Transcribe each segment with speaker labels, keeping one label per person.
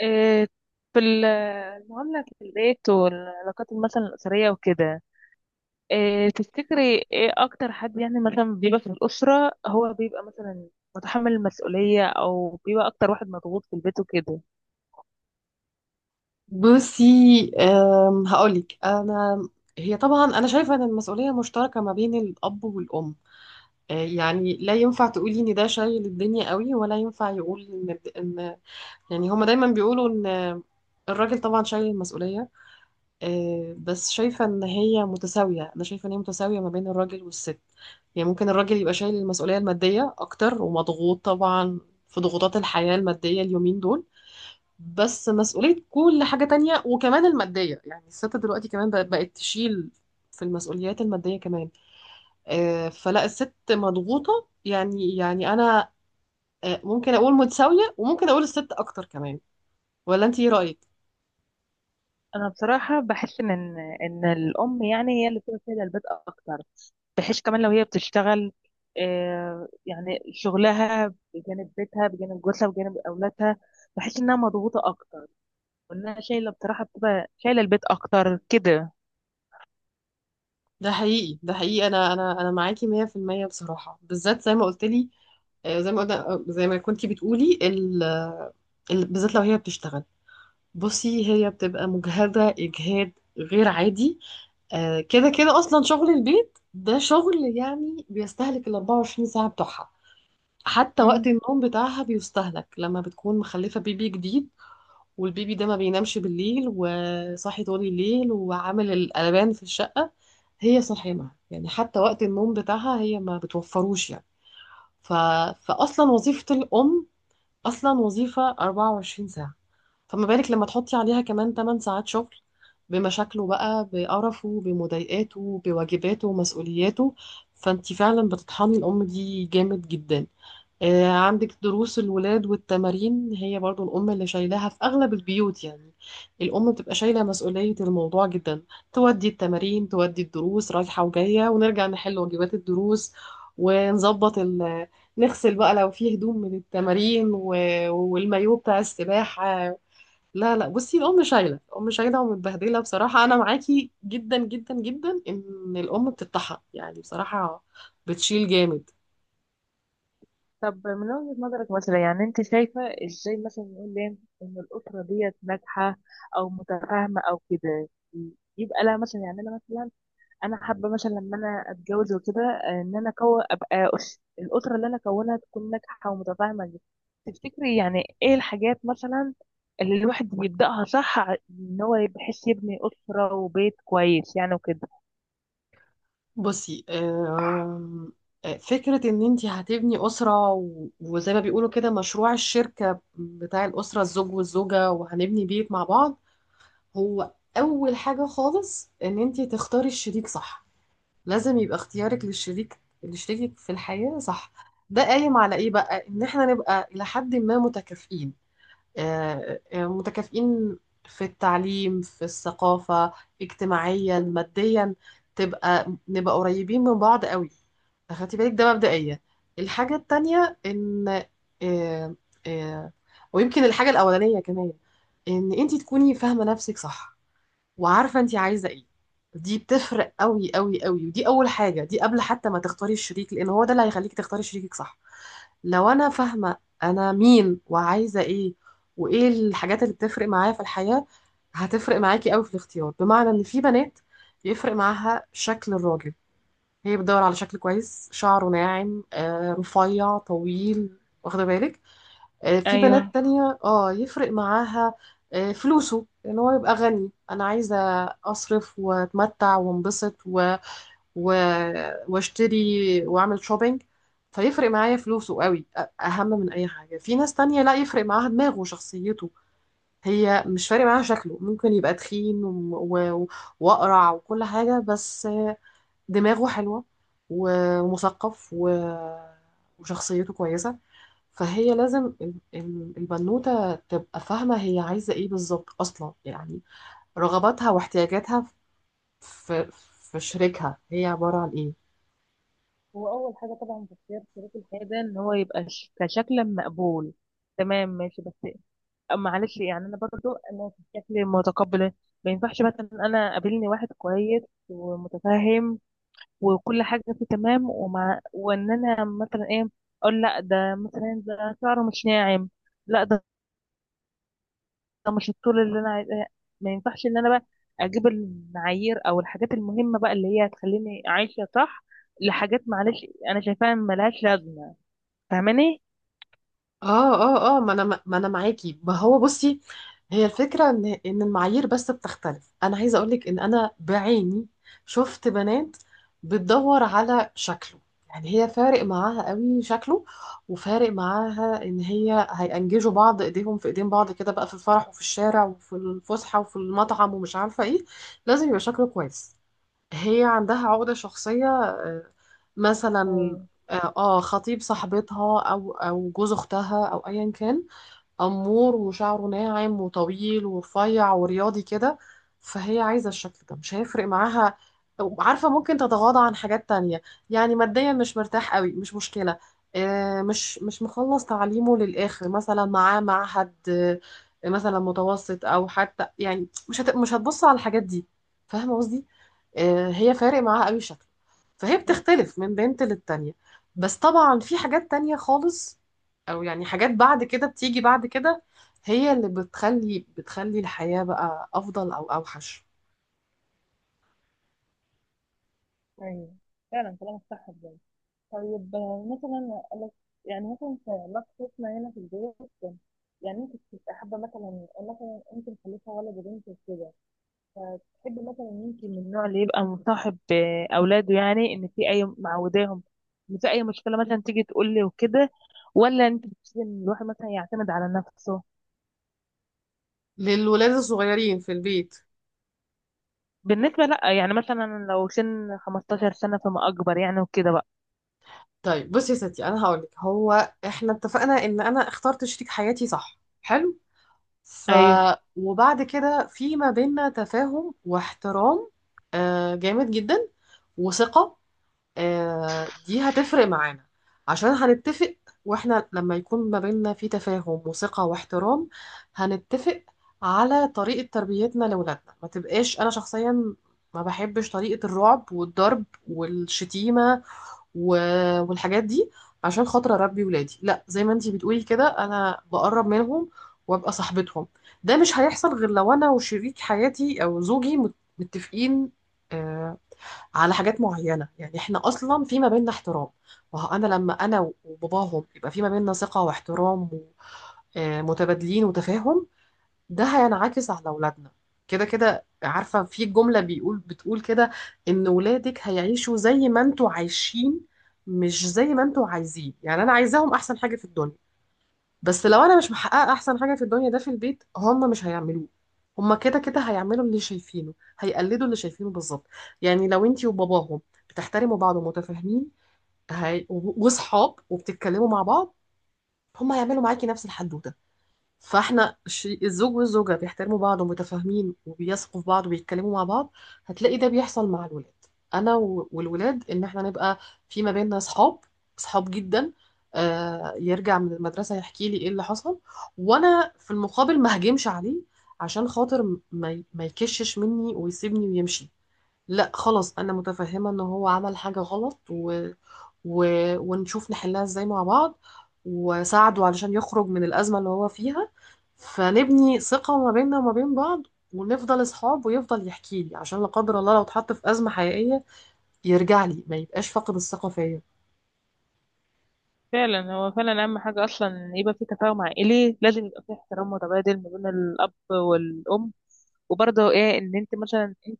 Speaker 1: إيه، في المعاملة في البيت والعلاقات مثلا الأسرية وكده. إيه، تفتكري ايه أكتر حد يعني مثلا بيبقى في الأسرة، هو بيبقى مثلا متحمل المسؤولية أو بيبقى أكتر واحد مضغوط في البيت وكده.
Speaker 2: بصي، هقولك انا. هي طبعا انا شايفه ان المسؤوليه مشتركه ما بين الاب والام. يعني لا ينفع تقولي ان ده شايل الدنيا قوي، ولا ينفع يقول ان يعني هما دايما بيقولوا ان الراجل طبعا شايل المسؤوليه. بس شايفه ان هي متساويه، انا شايفه ان هي متساويه ما بين الراجل والست. يعني ممكن الراجل يبقى شايل المسؤوليه الماديه اكتر، ومضغوط طبعا في ضغوطات الحياه الماديه اليومين دول. بس مسؤولية كل حاجة تانية وكمان المادية، يعني الست دلوقتي كمان بقت تشيل في المسؤوليات المادية كمان. فلا الست مضغوطة، يعني أنا. ممكن أقول متساوية، وممكن أقول الست أكتر كمان. ولا أنت إيه رأيك؟
Speaker 1: انا بصراحه بحس ان إن الام يعني هي اللي بتبقى شايله البيت اكتر، بحيث كمان لو هي بتشتغل، يعني شغلها بجانب بيتها بجانب جوزها بجانب اولادها، بحس انها مضغوطه اكتر، وانها شايله، بصراحه بتبقى شايله البيت اكتر كده.
Speaker 2: ده حقيقي ده حقيقي، أنا معاكي 100% بصراحة، بالذات زي ما قلت لي. زي ما قلنا، زي ما كنتي بتقولي بالذات لو هي بتشتغل. بصي هي بتبقى مجهدة إجهاد غير عادي. كده كده اصلا شغل البيت ده شغل، يعني بيستهلك ال 24 ساعة بتوعها. حتى وقت
Speaker 1: امم.
Speaker 2: النوم بتاعها بيستهلك لما بتكون مخلفة بيبي جديد، والبيبي ده ما بينامش بالليل وصاحي طول الليل وعامل القلبان في الشقة. هي صاحمة، يعني حتى وقت النوم بتاعها هي ما بتوفروش يعني. ف... فأصلا وظيفة الأم أصلا وظيفة 24 ساعة، فما بالك لما تحطي عليها كمان 8 ساعات شغل بمشاكله بقى، بقرفه بمضايقاته بواجباته ومسؤولياته. فانت فعلا بتطحني الأم دي جامد جدا. عندك دروس الولاد والتمارين، هي برضو الأم اللي شايلاها في أغلب البيوت يعني. الأم بتبقى شايلة مسؤولية الموضوع جدا. تودي التمارين، تودي الدروس، رايحة وجاية، ونرجع نحل واجبات الدروس، ونظبط نغسل بقى لو فيه هدوم من التمارين والمايو بتاع السباحة. لا لا بصي، الأم شايلة، الأم شايلة ومتبهدلة بصراحة. أنا معاكي جدا جدا جدا إن الأم بتتطحن يعني بصراحة، بتشيل جامد.
Speaker 1: طب من وجهه نظرك مثلا يعني انت شايفه ازاي، مثلا نقول ليه ان الاسره ديت ناجحه او متفاهمه او كده؟ يبقى لها مثلا، يعني انا مثلا انا حابه مثلا لما انا اتجوز وكده، ان انا الاسره اللي انا اكونها تكون ناجحه ومتفاهمه دي. تفتكري يعني ايه الحاجات مثلا اللي الواحد بيبداها صح، ان هو بحيث يبني اسره وبيت كويس يعني وكده؟
Speaker 2: بصي فكرة إن أنتي هتبني أسرة وزي ما بيقولوا كده، مشروع الشركة بتاع الأسرة، الزوج والزوجة، وهنبني بيت مع بعض. هو أول حاجة خالص إن أنتي تختاري الشريك صح. لازم يبقى اختيارك للشريك، لشريكك في الحياة صح. ده قايم على إيه بقى؟ إن إحنا نبقى إلى حد ما متكافئين. متكافئين في التعليم، في الثقافة، اجتماعيا، ماديا، تبقى نبقى قريبين من بعض قوي. خدتي بالك؟ ده مبدئيا. الحاجة التانية ان آه، آه، ويمكن الحاجة الأولانية كمان، ان انت تكوني فاهمة نفسك صح، وعارفة انت عايزة ايه. دي بتفرق قوي قوي قوي، ودي اول حاجة، دي قبل حتى ما تختاري الشريك، لان هو ده اللي هيخليك تختاري شريكك صح. لو انا فاهمه انا مين وعايزه ايه، وايه الحاجات اللي بتفرق معايا في الحياه، هتفرق معاكي قوي في الاختيار. بمعنى ان في بنات يفرق معاها شكل الراجل، هي بتدور على شكل كويس، شعره ناعم، رفيع طويل، واخده بالك. في
Speaker 1: ايوه.
Speaker 2: بنات تانية اه يفرق معاها فلوسه، ان هو يبقى غني. انا عايزه اصرف واتمتع وانبسط واشتري واعمل شوبينج. فيفرق معايا فلوسه قوي، اهم من اي حاجه. في ناس تانية لا، يفرق معاها دماغه وشخصيته، هي مش فارق معاها شكله. ممكن يبقى تخين واقرع وكل حاجه، بس دماغه حلوه ومثقف وشخصيته كويسه. فهي لازم البنوته تبقى فاهمه هي عايزه ايه بالظبط اصلا، يعني رغباتها واحتياجاتها في في شريكها هي عباره عن ايه.
Speaker 1: هو اول حاجه طبعا في اختيار شريك الحياه ده ان هو يبقى كشكلا مقبول، تمام ماشي. بس معلش يعني انا برضو انا في شكل متقبل. ما ينفعش مثلا انا قابلني واحد كويس ومتفاهم وكل حاجه فيه تمام، ومع وان انا مثلا ايه، اقول لا ده مثلا ده شعره مش ناعم، لا ده ده مش الطول اللي انا عايزاه. ما ينفعش ان انا بقى اجيب المعايير او الحاجات المهمه بقى اللي هي هتخليني عايشه صح لحاجات، معلش، انا شايفاها ملهاش لازمه. فاهماني؟
Speaker 2: اه ما انا معاكي. ما هو بصي، هي الفكره ان المعايير بس بتختلف. انا عايزه اقولك ان انا بعيني شفت بنات بتدور على شكله، يعني هي فارق معاها قوي شكله، وفارق معاها ان هي هينجزوا بعض ايديهم في ايدين بعض كده بقى، في الفرح وفي الشارع وفي الفسحه وفي المطعم ومش عارفه ايه. لازم يبقى شكله كويس، هي عندها عقدة شخصية. مثلا
Speaker 1: ايوه.
Speaker 2: خطيب صاحبتها او جوز اختها او ايا كان، امور وشعره ناعم وطويل ورفيع ورياضي كده، فهي عايزه الشكل ده. مش هيفرق معاها، عارفه، ممكن تتغاضى عن حاجات تانية. يعني ماديا مش مرتاح قوي، مش مشكله. مش مخلص تعليمه للاخر مثلا، معاه معهد مثلا متوسط، او حتى يعني مش هتبص على الحاجات دي. فاهمه قصدي؟ هي فارق معاها قوي شكل، فهي بتختلف من بنت للتانية. بس طبعا في حاجات تانية خالص، او يعني حاجات بعد كده بتيجي بعد كده، هي اللي بتخلي الحياة بقى افضل او اوحش.
Speaker 1: ايوه، فعلا كلامك صح بجد. طيب مثلا أقول لك، يعني مثلا في علاقتنا هنا في البيت، يعني انت كنت حابه مثلا، مثلا انت مخلفه ولد وبنت وكده، تحب مثلا انت من النوع اللي يبقى مصاحب اولاده، يعني ان في اي معوداهم، ان في اي مشكله مثلا تيجي تقول لي وكده، ولا انت بتحب ان الواحد مثلا يعتمد على نفسه؟
Speaker 2: للولاد الصغيرين في البيت،
Speaker 1: بالنسبه لا، يعني مثلا لو سن 15 سنه فما اكبر يعني وكده بقى.
Speaker 2: طيب بصي يا ستي، انا هقولك. هو احنا اتفقنا ان انا اخترت شريك حياتي صح، حلو. ف
Speaker 1: ايوه
Speaker 2: وبعد كده في ما بيننا تفاهم واحترام جامد جدا، وثقة. دي هتفرق معانا عشان هنتفق. واحنا لما يكون ما بيننا في تفاهم وثقة واحترام، هنتفق على طريقة تربيتنا لأولادنا. ما تبقاش أنا شخصيا ما بحبش طريقة الرعب والضرب والشتيمة والحاجات دي عشان خاطر أربي ولادي. لا، زي ما انتي بتقولي كده، أنا بقرب منهم وأبقى صاحبتهم. ده مش هيحصل غير لو أنا وشريك حياتي أو زوجي متفقين آه، على حاجات معينة. يعني احنا اصلا في ما بيننا احترام. وانا لما انا وباباهم يبقى في ما بيننا ثقة واحترام متبادلين وتفاهم، ده هينعكس على اولادنا. كده كده عارفة، في جملة بيقول بتقول كده، ان ولادك هيعيشوا زي ما انتوا عايشين، مش زي ما انتوا عايزين. يعني انا عايزاهم احسن حاجة في الدنيا، بس لو انا مش محققه احسن حاجه في الدنيا ده في البيت، هم مش هيعملوه. هم كده كده هيعملوا اللي شايفينه، هيقلدوا اللي شايفينه بالظبط. يعني لو انتي وباباهم بتحترموا بعض ومتفاهمين وصحاب وبتتكلموا مع بعض، هم هيعملوا معاكي نفس الحدوته. فاحنا الزوج والزوجة بيحترموا بعض ومتفاهمين وبيثقوا في بعض وبيتكلموا مع بعض، هتلاقي ده بيحصل مع الولاد. انا والولاد، ان احنا نبقى في ما بيننا صحاب، صحاب جدا. آه يرجع من المدرسة يحكي لي ايه اللي حصل، وانا في المقابل ما هجمش عليه عشان خاطر ما ما يكشش مني ويسيبني ويمشي. لا خلاص، انا متفهمه ان هو عمل حاجه غلط و... ونشوف نحلها ازاي مع بعض، وساعده علشان يخرج من الازمه اللي هو فيها. فنبني ثقه ما بيننا وما بين بعض، ونفضل اصحاب، ويفضل يحكي لي، عشان لا قدر الله لو اتحط في ازمه حقيقيه يرجع لي، ما يبقاش فاقد الثقه فيا.
Speaker 1: فعلا، هو فعلا اهم حاجه اصلا إن يبقى في تفاهم عائلي، لازم يبقى في احترام متبادل ما بين الاب والام. وبرضه ايه، ان انت مثلا انت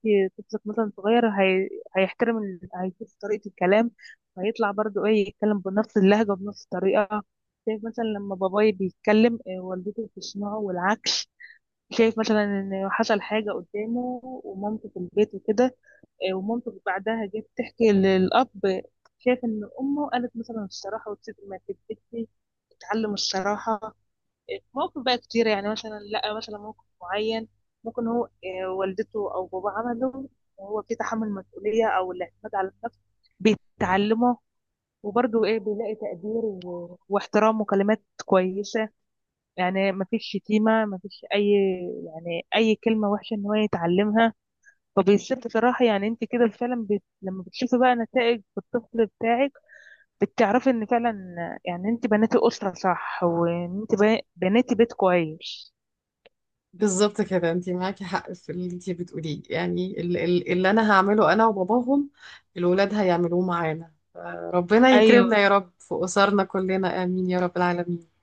Speaker 1: طفلك مثلا صغير، هيحترم، هيشوف طريقة الكلام، هيطلع برضه ايه يتكلم بنفس اللهجة بنفس الطريقة. شايف مثلا لما باباي بيتكلم، إيه، والدته بتسمعه والعكس، شايف مثلا ان حصل حاجة قدامه ومامته في البيت وكده، إيه، ومامته بعدها جت تحكي للأب، شايف ان امه قالت مثلا الصراحة وتسيب ما تكذبش، تتعلم الصراحة. مواقف بقى كتير، يعني مثلا لا مثلا موقف معين، ممكن هو والدته او باباه عمله، وهو في تحمل مسؤوليه او الاعتماد على النفس بيتعلمه. وبرضه ايه، بيلاقي تقدير واحترام وكلمات كويسه، يعني ما فيش شتيمه، ما فيش اي، يعني اي كلمه وحشه ان هو يتعلمها. فبيصير بصراحه، يعني انت كده فعلا لما بتشوفي بقى نتائج في الطفل بتاعك، بتعرفي ان فعلا يعني انت بنيتي اسره صح، وان انت بنيتي بيت كويس.
Speaker 2: بالظبط كده، انت معاكي حق في اللي انت بتقوليه. يعني اللي انا هعمله انا وباباهم الولاد هيعملوه معانا. ربنا يكرمنا
Speaker 1: أيوه.
Speaker 2: يا رب في أسرنا كلنا، آمين يا رب العالمين.